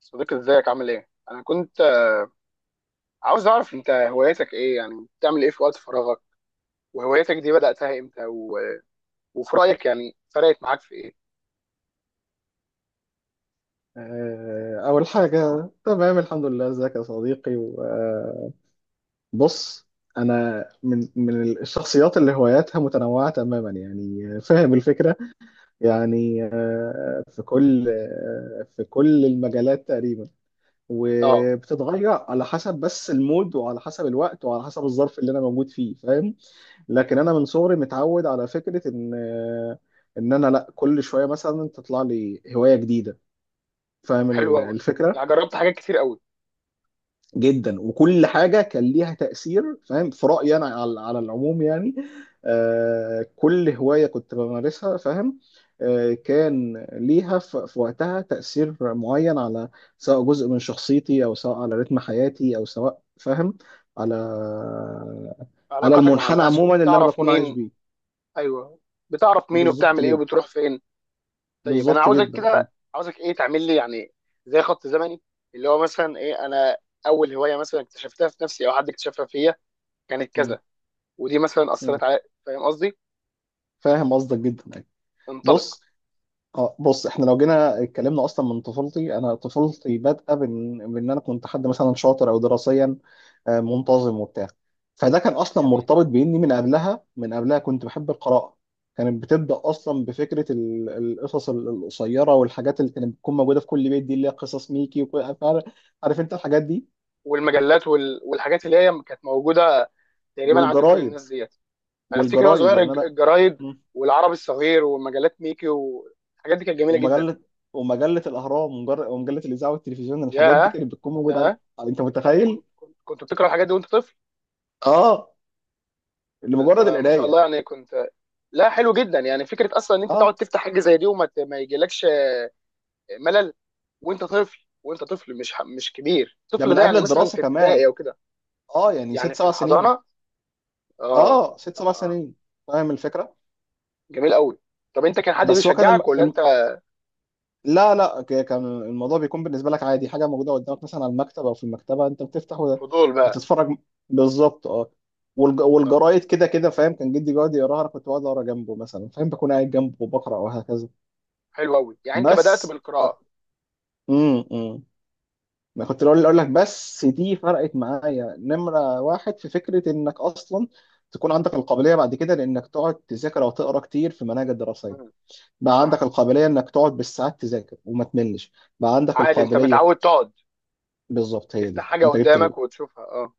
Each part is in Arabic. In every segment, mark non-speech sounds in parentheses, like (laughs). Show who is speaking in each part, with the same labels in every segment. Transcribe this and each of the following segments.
Speaker 1: صديقي، ازيك عامل ايه؟ انا كنت عاوز اعرف انت هواياتك ايه، يعني بتعمل ايه في وقت فراغك؟ وهواياتك دي بدأتها امتى؟ وفي رأيك يعني فرقت معاك في ايه؟
Speaker 2: أول حاجة تمام، الحمد لله. ازيك يا صديقي؟ وبص، أنا من الشخصيات اللي هواياتها متنوعة تماما، يعني فاهم الفكرة. يعني في كل المجالات تقريبا،
Speaker 1: اه.
Speaker 2: وبتتغير على حسب بس المود، وعلى حسب الوقت، وعلى حسب الظرف اللي أنا موجود فيه، فاهم. لكن أنا من صغري متعود على فكرة إن إن أنا لا، كل شوية مثلا تطلع لي هواية جديدة، فاهم
Speaker 1: حلو قوي،
Speaker 2: الفكرة.
Speaker 1: يعني جربت حاجات كتير قوي.
Speaker 2: جدا، وكل حاجه كان ليها تاثير، فاهم، في رايي انا على العموم يعني. كل هوايه كنت بمارسها، فاهم، كان ليها في وقتها تاثير معين على، سواء جزء من شخصيتي، او سواء على رتم حياتي، او سواء فاهم، على على
Speaker 1: علاقاتك مع
Speaker 2: المنحنى
Speaker 1: الناس،
Speaker 2: عموما اللي انا
Speaker 1: وبتعرف
Speaker 2: بكون عايش
Speaker 1: مين؟
Speaker 2: بيه.
Speaker 1: ايوه. بتعرف مين،
Speaker 2: بالظبط
Speaker 1: وبتعمل ايه،
Speaker 2: جدا.
Speaker 1: وبتروح فين؟ طيب انا
Speaker 2: بالظبط
Speaker 1: عاوزك
Speaker 2: جدا، اه.
Speaker 1: كده، عاوزك ايه تعمل لي يعني زي خط زمني، اللي هو مثلا ايه. انا اول هواية مثلا اكتشفتها في نفسي او حد اكتشفها فيا كانت
Speaker 2: م-
Speaker 1: كذا، ودي مثلا
Speaker 2: م.
Speaker 1: اثرت على. فاهم قصدي؟
Speaker 2: فاهم قصدك جدا يعني.
Speaker 1: انطلق.
Speaker 2: بص. اه بص، احنا لو جينا اتكلمنا اصلا من طفولتي، انا طفولتي بادئه بان انا كنت حد مثلا شاطر او دراسيا، منتظم وبتاع. فده كان اصلا
Speaker 1: يعني
Speaker 2: مرتبط باني من قبلها كنت بحب القراءه. كانت بتبدا اصلا بفكره القصص القصيره، والحاجات اللي كانت بتكون موجوده في كل بيت دي، اللي هي قصص ميكي وكل عارف، عارف انت الحاجات دي.
Speaker 1: والمجلات والحاجات اللي هي كانت موجوده تقريبا عند كل الناس
Speaker 2: والجرايد،
Speaker 1: ديت. انا افتكر وانا
Speaker 2: والجرايد
Speaker 1: صغير
Speaker 2: يعني انا.
Speaker 1: الجرايد
Speaker 2: م.
Speaker 1: والعربي الصغير ومجلات ميكي والحاجات دي كانت جميله جدا.
Speaker 2: ومجله ومجله الاهرام، ومجله الاذاعه والتلفزيون، الحاجات دي
Speaker 1: ياه،
Speaker 2: كانت بتكون موجوده عند.
Speaker 1: ياه.
Speaker 2: انت متخيل؟
Speaker 1: كنت بتقرا الحاجات دي وانت طفل؟
Speaker 2: اه،
Speaker 1: ده انت
Speaker 2: لمجرد
Speaker 1: ما شاء
Speaker 2: القرايه.
Speaker 1: الله، يعني كنت. لا، حلو جدا. يعني فكره اصلا ان انت تقعد
Speaker 2: اه،
Speaker 1: تفتح حاجه زي دي، وما ت- ما يجيلكش ملل وانت طفل، وانت طفل مش كبير،
Speaker 2: ده
Speaker 1: الطفل
Speaker 2: من
Speaker 1: ده
Speaker 2: قبل
Speaker 1: يعني مثلا
Speaker 2: الدراسه
Speaker 1: في
Speaker 2: كمان.
Speaker 1: ابتدائي او كده؟
Speaker 2: اه يعني ست
Speaker 1: يعني في
Speaker 2: سبع سنين
Speaker 1: الحضانه؟ اه.
Speaker 2: اه ست
Speaker 1: اه
Speaker 2: سبع
Speaker 1: آه.
Speaker 2: سنين فاهم الفكره.
Speaker 1: جميل قوي. طب انت كان حد
Speaker 2: بس هو كان الم...
Speaker 1: بيشجعك ولا
Speaker 2: الم...
Speaker 1: انت؟
Speaker 2: لا لا، كان الموضوع بيكون بالنسبه لك عادي، حاجه موجوده قدامك مثلا على المكتب او في المكتبه، انت بتفتح
Speaker 1: فضول بقى.
Speaker 2: وتتفرج. بالظبط اه.
Speaker 1: اه.
Speaker 2: والجرايد كده كده، فاهم، كان جدي بيقعد يقراها، انا كنت بقعد اقرا جنبه مثلا، فاهم، بكون قاعد جنبه وبقرا وهكذا.
Speaker 1: حلو قوي، يعني انت بدأت
Speaker 2: بس.
Speaker 1: بالقراءة.
Speaker 2: امم ما كنت اقول لك بس دي فرقت معايا نمرة واحد في فكرة انك اصلا تكون عندك القابلية بعد كده لانك تقعد تذاكر او تقرا كتير في مناهج الدراسية.
Speaker 1: مم.
Speaker 2: بقى عندك
Speaker 1: صح.
Speaker 2: القابلية انك تقعد بالساعات تذاكر وما تملش. بقى عندك
Speaker 1: عادي، انت
Speaker 2: القابلية.
Speaker 1: متعود تقعد
Speaker 2: بالظبط، هي
Speaker 1: تفتح
Speaker 2: دي،
Speaker 1: حاجة
Speaker 2: انت جبت
Speaker 1: قدامك وتشوفها. اه.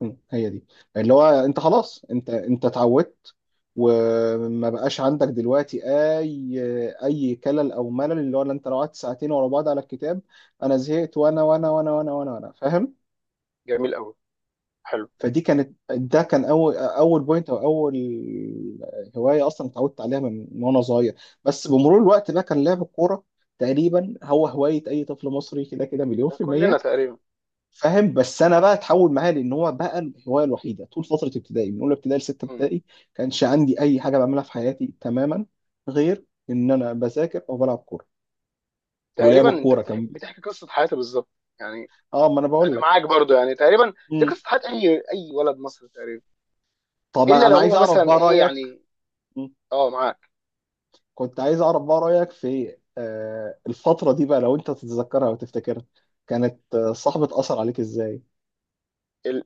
Speaker 2: هي دي، اللي هو انت خلاص، انت اتعودت. وما بقاش عندك دلوقتي اي كلل او ملل، اللي هو لا، انت لو قعدت ساعتين ورا بعض على الكتاب، انا زهقت وانا، وأنا. فاهم.
Speaker 1: جميل قوي. حلو.
Speaker 2: فدي كانت، ده كان اول بوينت، او اول هوايه اصلا اتعودت عليها من وانا صغير. بس بمرور الوقت بقى كان لعب الكوره تقريبا هو هوايه اي طفل مصري، كده كده مليون
Speaker 1: ده
Speaker 2: في
Speaker 1: كلنا
Speaker 2: الميه.
Speaker 1: تقريبا.
Speaker 2: فاهم، بس انا بقى اتحول معايا، لان هو بقى الهوايه الوحيده طول فتره ابتدائي، من اولى ابتدائي لسته
Speaker 1: مم.
Speaker 2: ابتدائي. كانش عندي اي حاجه بعملها في حياتي تماما غير ان انا بذاكر او بلعب كوره.
Speaker 1: تقريبا
Speaker 2: ولعب
Speaker 1: انت
Speaker 2: الكوره
Speaker 1: بتحكي,
Speaker 2: كان،
Speaker 1: بتحكي قصة حياتي بالظبط، يعني
Speaker 2: اه ما انا بقول
Speaker 1: انا
Speaker 2: لك.
Speaker 1: معاك برضو. يعني تقريبا دي
Speaker 2: مم.
Speaker 1: قصة حياة اي ولد مصري تقريبا.
Speaker 2: طب
Speaker 1: الا لو
Speaker 2: انا
Speaker 1: هو
Speaker 2: عايز اعرف
Speaker 1: مثلا
Speaker 2: بقى
Speaker 1: ايه
Speaker 2: رايك.
Speaker 1: يعني. اه، معاك.
Speaker 2: كنت عايز اعرف بقى رايك في الفتره دي بقى، لو انت تتذكرها وتفتكرها، كانت صاحبة اثر عليك ازاي؟
Speaker 1: ال...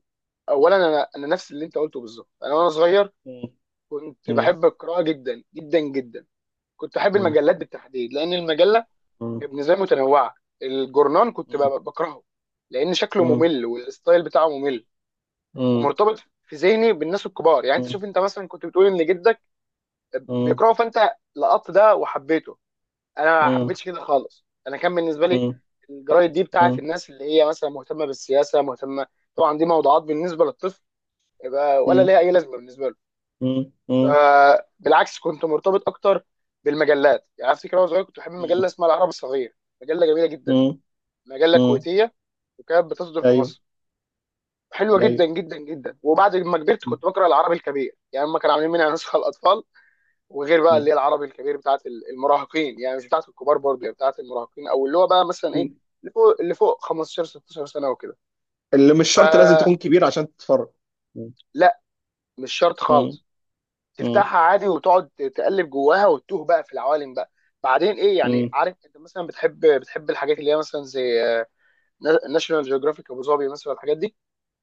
Speaker 1: اولا انا نفس اللي انت قلته بالظبط. انا وانا صغير
Speaker 2: مم.
Speaker 1: كنت
Speaker 2: مم.
Speaker 1: بحب القراءة جدا جدا جدا. كنت احب
Speaker 2: مم.
Speaker 1: المجلات بالتحديد، لان المجلة بالنسبه لي متنوعه. الجورنان كنت
Speaker 2: مم.
Speaker 1: بكرهه، لان شكله
Speaker 2: مم.
Speaker 1: ممل والستايل بتاعه ممل
Speaker 2: مم.
Speaker 1: ومرتبط في ذهني بالناس الكبار. يعني انت
Speaker 2: مم.
Speaker 1: شوف، انت مثلا كنت بتقول ان جدك
Speaker 2: مم.
Speaker 1: بيكرهه، فانت لقطت ده وحبيته. انا ما
Speaker 2: مم.
Speaker 1: حبيتش كده خالص. انا كان بالنسبه لي
Speaker 2: مم.
Speaker 1: الجرايد دي بتاعت
Speaker 2: مم.
Speaker 1: الناس اللي هي مثلا مهتمه بالسياسه، مهتمه. طبعا دي موضوعات بالنسبه للطفل، يبقى ولا
Speaker 2: مم.
Speaker 1: ليها اي لازمه بالنسبه له. ف-
Speaker 2: مم.
Speaker 1: بالعكس، كنت مرتبط اكتر بالمجلات. يعني افتكر وانا صغير كنت بحب مجله
Speaker 2: مم.
Speaker 1: اسمها العرب الصغير، مجله جميله جدا،
Speaker 2: مم.
Speaker 1: مجله
Speaker 2: مم.
Speaker 1: كويتيه، وكانت بتصدر في
Speaker 2: ايوه.
Speaker 1: مصر. حلوه
Speaker 2: ايوه.
Speaker 1: جدا جدا جدا. وبعد ما كبرت
Speaker 2: مم.
Speaker 1: كنت بقرا العربي الكبير. يعني هم كانوا عاملين منها نسخه الاطفال، وغير بقى اللي هي العربي الكبير بتاعت المراهقين، يعني مش بتاعت الكبار برضه، يعني بتاعت المراهقين او اللي هو بقى مثلا ايه،
Speaker 2: مم.
Speaker 1: اللي فوق 15 16 سنه وكده.
Speaker 2: اللي مش شرط لازم
Speaker 1: فلا،
Speaker 2: تكون كبير عشان تتفرج. مم.
Speaker 1: مش شرط خالص.
Speaker 2: مم.
Speaker 1: تفتحها عادي وتقعد تقلب جواها وتتوه بقى في العوالم بقى. بعدين ايه؟ يعني
Speaker 2: مم.
Speaker 1: عارف انت مثلا بتحب الحاجات اللي هي مثلا زي ناشونال جيوغرافيك ابو ظبي مثلا، الحاجات دي.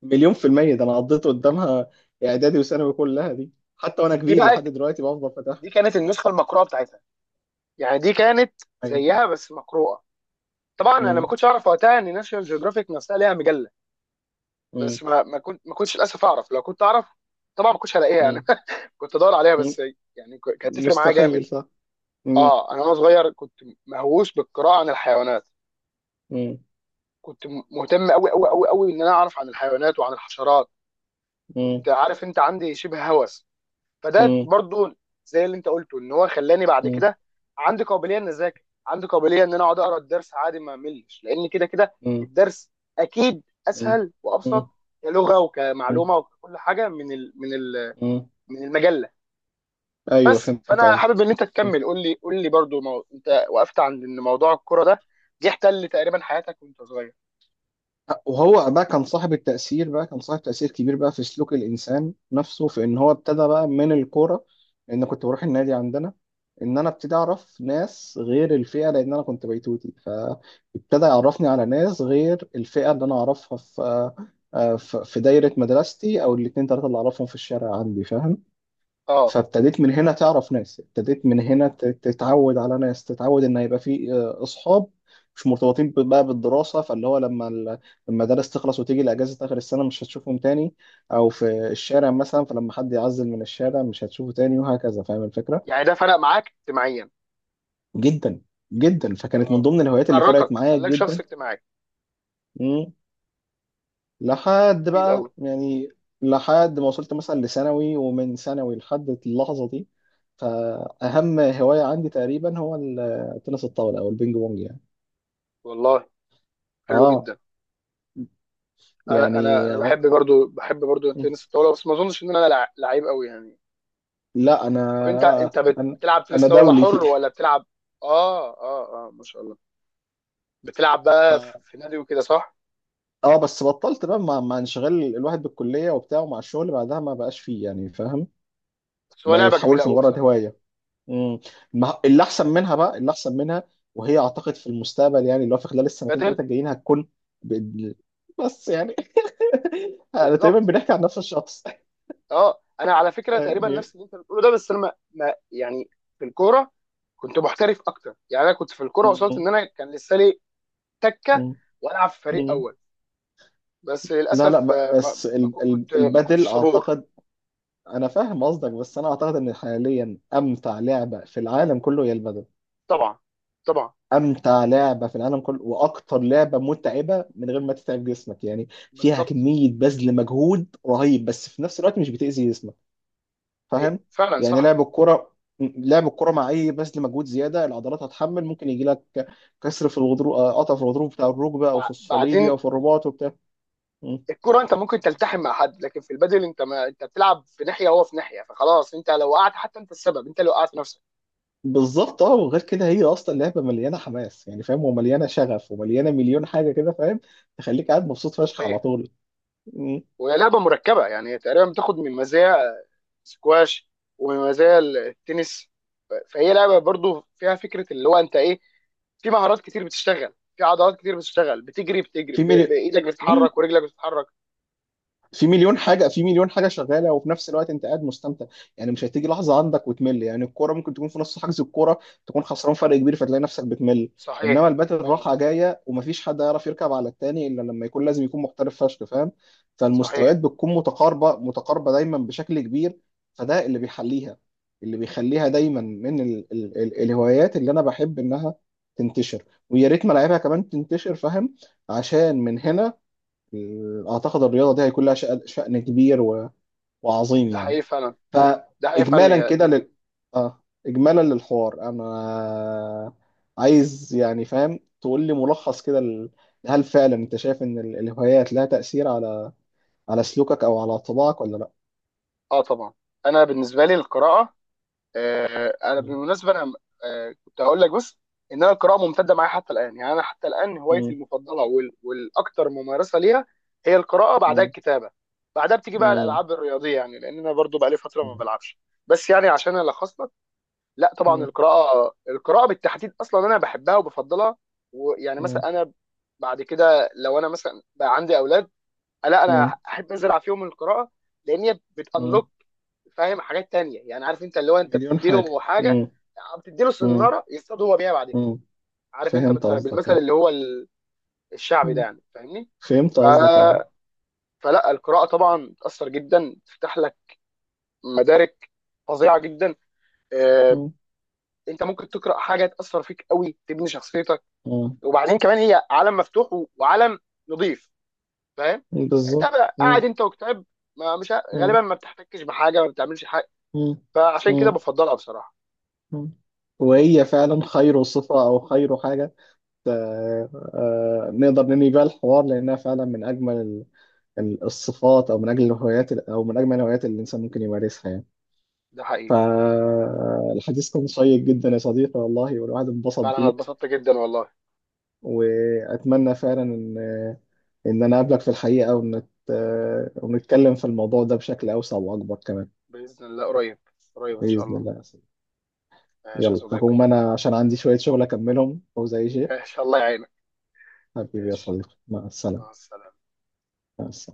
Speaker 2: مليون في المية، ده انا قضيت قدامها اعدادي وثانوي كلها دي، حتى وانا
Speaker 1: دي
Speaker 2: كبير
Speaker 1: بقى
Speaker 2: لحد دلوقتي بفضل فاتحها.
Speaker 1: دي كانت النسخه المقروءه بتاعتها، يعني دي كانت
Speaker 2: ايوه.
Speaker 1: زيها بس مقروءه. طبعا انا ما
Speaker 2: مم.
Speaker 1: كنتش اعرف وقتها ان ناشونال جيوغرافيك نفسها ليها مجله.
Speaker 2: مم.
Speaker 1: بس ما كنتش للاسف اعرف. لو كنت اعرف، طبعا ما كنتش هلاقيها يعني
Speaker 2: مم.
Speaker 1: (laughs) كنت ادور عليها
Speaker 2: مم.
Speaker 1: بس. يعني كانت تفرق معايا جامد.
Speaker 2: مستحيل، صح. مم.
Speaker 1: اه، انا وانا صغير كنت مهووس بالقراءه عن الحيوانات.
Speaker 2: مم.
Speaker 1: كنت مهتم قوي قوي قوي قوي ان انا اعرف عن الحيوانات وعن الحشرات.
Speaker 2: مم.
Speaker 1: كنت، عارف انت، عندي شبه هوس. فده
Speaker 2: مم.
Speaker 1: برضو زي اللي انت قلته، ان هو خلاني بعد
Speaker 2: مم.
Speaker 1: كده عندي قابليه ان اذاكر، عندي قابليه ان انا اقعد اقرا الدرس عادي ما املش، لان كده كده
Speaker 2: مم.
Speaker 1: الدرس اكيد
Speaker 2: مم.
Speaker 1: اسهل وابسط كلغه
Speaker 2: مم.
Speaker 1: وكمعلومه وكل حاجه، من ال من ال
Speaker 2: مم.
Speaker 1: من المجله.
Speaker 2: ايوه،
Speaker 1: بس
Speaker 2: فهمت
Speaker 1: فانا
Speaker 2: قصدي.
Speaker 1: حابب ان انت تكمل. قول لي برضو. انت وقفت عند ان موضوع الكوره ده، دي احتل تقريبا حياتك وانت صغير.
Speaker 2: وهو بقى كان صاحب التأثير، بقى كان صاحب تأثير كبير بقى في سلوك الإنسان نفسه، في إن هو ابتدى بقى من الكورة، لأن كنت بروح النادي عندنا. إن أنا ابتدي أعرف ناس غير الفئة، لأن أنا كنت بيتوتي، فابتدى يعرفني على ناس غير الفئة اللي أنا أعرفها في في دايرة مدرستي، أو الاتنين تلاتة اللي أعرفهم في الشارع عندي، فاهم.
Speaker 1: اه.
Speaker 2: فابتديت من هنا تعرف ناس، ابتديت من هنا تتعود على ناس، تتعود ان يبقى في اصحاب مش مرتبطين بقى بالدراسه، فاللي هو لما لما الدرس تخلص وتيجي الاجازه اخر السنه مش هتشوفهم تاني، او في الشارع مثلا، فلما حد يعزل من الشارع مش هتشوفه تاني، وهكذا، فاهم الفكره.
Speaker 1: يعني ده فرق معاك اجتماعيا.
Speaker 2: جدا. جدا، فكانت من
Speaker 1: اه،
Speaker 2: ضمن الهوايات اللي فرقت
Speaker 1: حركك،
Speaker 2: معايا
Speaker 1: خلاك شخص
Speaker 2: جدا.
Speaker 1: اجتماعي.
Speaker 2: لحد
Speaker 1: جميل
Speaker 2: بقى
Speaker 1: قوي.
Speaker 2: يعني، لحد ما وصلت مثلا لثانوي، ومن ثانوي لحد اللحظة دي، فأهم هواية عندي تقريبا هو تنس الطاولة أو البينج بونج يعني.
Speaker 1: والله حلو
Speaker 2: اه.
Speaker 1: جدا. انا انا
Speaker 2: يعني
Speaker 1: انا بحب برضو تنس الطاوله، بس ما اظنش ان انا لعيب قوي يعني.
Speaker 2: لا، أنا
Speaker 1: طب انت
Speaker 2: أنا
Speaker 1: بتلعب تنس
Speaker 2: أنا
Speaker 1: طاوله
Speaker 2: دولي فيه.
Speaker 1: حر ولا بتلعب؟ اه اه اه، ما شاء الله. بتلعب
Speaker 2: (laughs)
Speaker 1: بقى في
Speaker 2: ف...
Speaker 1: في نادي وكده، صح؟
Speaker 2: اه، بس بطلت بقى مع انشغال الواحد بالكلية وبتاع، ومع الشغل بعدها ما بقاش فيه يعني، فاهم.
Speaker 1: بس هو
Speaker 2: بقى
Speaker 1: لعبه جميله
Speaker 2: اتحولت
Speaker 1: قوي
Speaker 2: لمجرد
Speaker 1: بصراحه.
Speaker 2: هواية. مم. ما اللي احسن منها، بقى اللي احسن منها، وهي اعتقد في المستقبل، يعني اللي هو في خلال السنتين
Speaker 1: بدل،
Speaker 2: ثلاثه الجايين هتكون. بإذن- بس يعني (laughs) انا تقريبا
Speaker 1: بالظبط
Speaker 2: بنحكي عن نفس الشخص.
Speaker 1: اه. انا على
Speaker 2: (laughs)
Speaker 1: فكره تقريبا
Speaker 2: يعني.
Speaker 1: نفس اللي انت بتقوله ده. بس انا يعني في الكوره كنت محترف اكتر. يعني انا كنت في الكوره وصلت
Speaker 2: مم.
Speaker 1: ان انا كان لسه لي تكه،
Speaker 2: مم.
Speaker 1: والعب في فريق
Speaker 2: مم.
Speaker 1: اول. بس
Speaker 2: لا لا.
Speaker 1: للاسف ما
Speaker 2: بس
Speaker 1: ما كو- كنت ما
Speaker 2: البدل
Speaker 1: كنتش صبور.
Speaker 2: اعتقد. انا فاهم قصدك، بس انا اعتقد ان حاليا امتع لعبه في العالم كله هي البدل.
Speaker 1: طبعا، طبعا،
Speaker 2: امتع لعبه في العالم كله، واكتر لعبه متعبه من غير ما تتعب جسمك، يعني فيها
Speaker 1: بالظبط.
Speaker 2: كميه بذل مجهود رهيب، بس في نفس الوقت مش بتاذي جسمك،
Speaker 1: إيه،
Speaker 2: فاهم،
Speaker 1: فعلا
Speaker 2: يعني
Speaker 1: صح.
Speaker 2: لعب الكرة مع اي بذل مجهود، زياده العضلات هتحمل ممكن يجي لك كسر في الغضروف، قطع في الغضروف بتاع الركبه، او في الصليبي،
Speaker 1: بعدين
Speaker 2: او في الرباط وبتاع. م.
Speaker 1: الكرة انت ممكن تلتحم مع حد، لكن في البادل انت، ما انت بتلعب في ناحية وهو في ناحية، فخلاص انت لو وقعت حتى، انت السبب، انت اللي وقعت نفسك.
Speaker 2: بالظبط اه، وغير كده هي اصلا لعبه مليانه حماس يعني، فاهم، ومليانه شغف ومليانه مليون حاجه كده، فاهم، تخليك قاعد مبسوط فشخ على
Speaker 1: صحيح.
Speaker 2: طول. م.
Speaker 1: وهي لعبة مركبة، يعني هي تقريبا بتاخد من مزايا سكواش ومن مزايا التنس. فهي لعبة برضو فيها فكرة اللي هو انت ايه، في مهارات كتير بتشتغل، في عضلات كتير بتشتغل، بتجري
Speaker 2: في مليون
Speaker 1: بايدك بتتحرك ورجلك بتتحرك.
Speaker 2: في مليون حاجه شغاله، وفي نفس الوقت انت قاعد مستمتع، يعني مش هتيجي لحظه عندك وتمل، يعني الكوره ممكن تكون في نص حجز الكوره، تكون خسران فرق كبير، فتلاقي نفسك بتمل. انما
Speaker 1: صحيح.
Speaker 2: الباتل
Speaker 1: اه.
Speaker 2: راحه جايه، ومفيش حد يعرف يركب على التاني الا لما يكون، لازم يكون محترف فشخ، فاهم، فالمستويات
Speaker 1: صحيح.
Speaker 2: بتكون متقاربه متقاربه دايما بشكل كبير. فده اللي بيحليها، اللي بيخليها دايما من ال ال ال الهوايات اللي انا بحب انها تنتشر، ويا ريت ملاعبها كمان تنتشر، فاهم، عشان من هنا اعتقد الرياضه دي هيكون لها شأن شأن كبير وعظيم
Speaker 1: ده
Speaker 2: يعني.
Speaker 1: حقيقي فعلا. ده حقيقي
Speaker 2: فاجمالا
Speaker 1: فعلا.
Speaker 2: كده اه اجمالا للحوار، انا عايز يعني، فاهم، تقول لي ملخص كده: هل فعلا انت شايف ان الهوايات لها تأثير على على سلوكك او على طباعك ولا لا؟
Speaker 1: اه طبعا. انا بالنسبه لي القراءه. انا
Speaker 2: مم.
Speaker 1: بالمناسبه انا، كنت هقول لك بس ان انا القراءه ممتده معايا حتى الان. يعني انا حتى الان هوايتي
Speaker 2: مم.
Speaker 1: المفضله والاكثر ممارسه ليها هي القراءه، بعدها
Speaker 2: مم.
Speaker 1: الكتابه، بعدها بتيجي بقى
Speaker 2: مم.
Speaker 1: الالعاب الرياضيه، يعني لان انا برضو بقى لي فتره ما بلعبش. بس يعني عشان الخص لك، لا طبعا
Speaker 2: مم.
Speaker 1: القراءه بالتحديد اصلا انا بحبها وبفضلها. ويعني
Speaker 2: مم.
Speaker 1: مثلا انا بعد كده لو انا مثلا بقى عندي اولاد، لا انا
Speaker 2: مم.
Speaker 1: احب انزل في يوم القراءه، لان هي
Speaker 2: مم.
Speaker 1: بتانلوك، فاهم، حاجات تانية. يعني عارف انت، اللي هو انت
Speaker 2: مليون
Speaker 1: بتدي له
Speaker 2: حاجة.
Speaker 1: حاجه،
Speaker 2: مم.
Speaker 1: بتدي له
Speaker 2: مم.
Speaker 1: سناره يصطاد هو بيها بعد كده.
Speaker 2: مم.
Speaker 1: عارف انت
Speaker 2: فهمت قصدك
Speaker 1: بالمثل
Speaker 2: يعني.
Speaker 1: اللي هو الشعبي ده،
Speaker 2: مم.
Speaker 1: يعني فاهمني.
Speaker 2: فهمت
Speaker 1: ف...
Speaker 2: قصدك اه.
Speaker 1: فلا، القراءه طبعا بتاثر جدا، تفتح لك مدارك فظيعه جدا. آه،
Speaker 2: مم.
Speaker 1: انت ممكن تقرا حاجه تاثر فيك قوي، تبني شخصيتك.
Speaker 2: مم.
Speaker 1: وبعدين كمان هي عالم مفتوح وعالم نظيف، فاهم. يعني انت
Speaker 2: بالظبط. مم.
Speaker 1: قاعد انت وكتاب، ما مش
Speaker 2: مم.
Speaker 1: غالبا ما بتحتكش بحاجه، ما بتعملش حاجه.
Speaker 2: مم.
Speaker 1: فعشان كده
Speaker 2: مم.
Speaker 1: بفضلها بصراحه.
Speaker 2: مم. وهي فعلا خير صفة أو خير حاجة، نقدر ننهي بيها الحوار، لأنها فعلا من أجمل الصفات، أو من أجل الهوايات أو من أجمل الهوايات اللي الإنسان ممكن يمارسها يعني.
Speaker 1: ده حقيقي
Speaker 2: فالحديث كان شيق جدا يا صديقي، والله، والواحد انبسط
Speaker 1: فعلا. انا
Speaker 2: بيه.
Speaker 1: اتبسطت جدا والله.
Speaker 2: وأتمنى فعلا إن أنا أقابلك في الحقيقة، ونتكلم في الموضوع ده بشكل أوسع وأكبر كمان.
Speaker 1: باذن الله قريب. قريب ان شاء
Speaker 2: بإذن
Speaker 1: الله.
Speaker 2: الله.
Speaker 1: ماشي يا
Speaker 2: يلا
Speaker 1: صديقي،
Speaker 2: هقوم انا، عشان عندي شوية شغل اكملهم وزي شيء.
Speaker 1: ان شاء الله يعينك.
Speaker 2: حبيبي يا
Speaker 1: ماشي.
Speaker 2: صديقي، مع السلامة.
Speaker 1: مع السلامه.
Speaker 2: مع السلامة.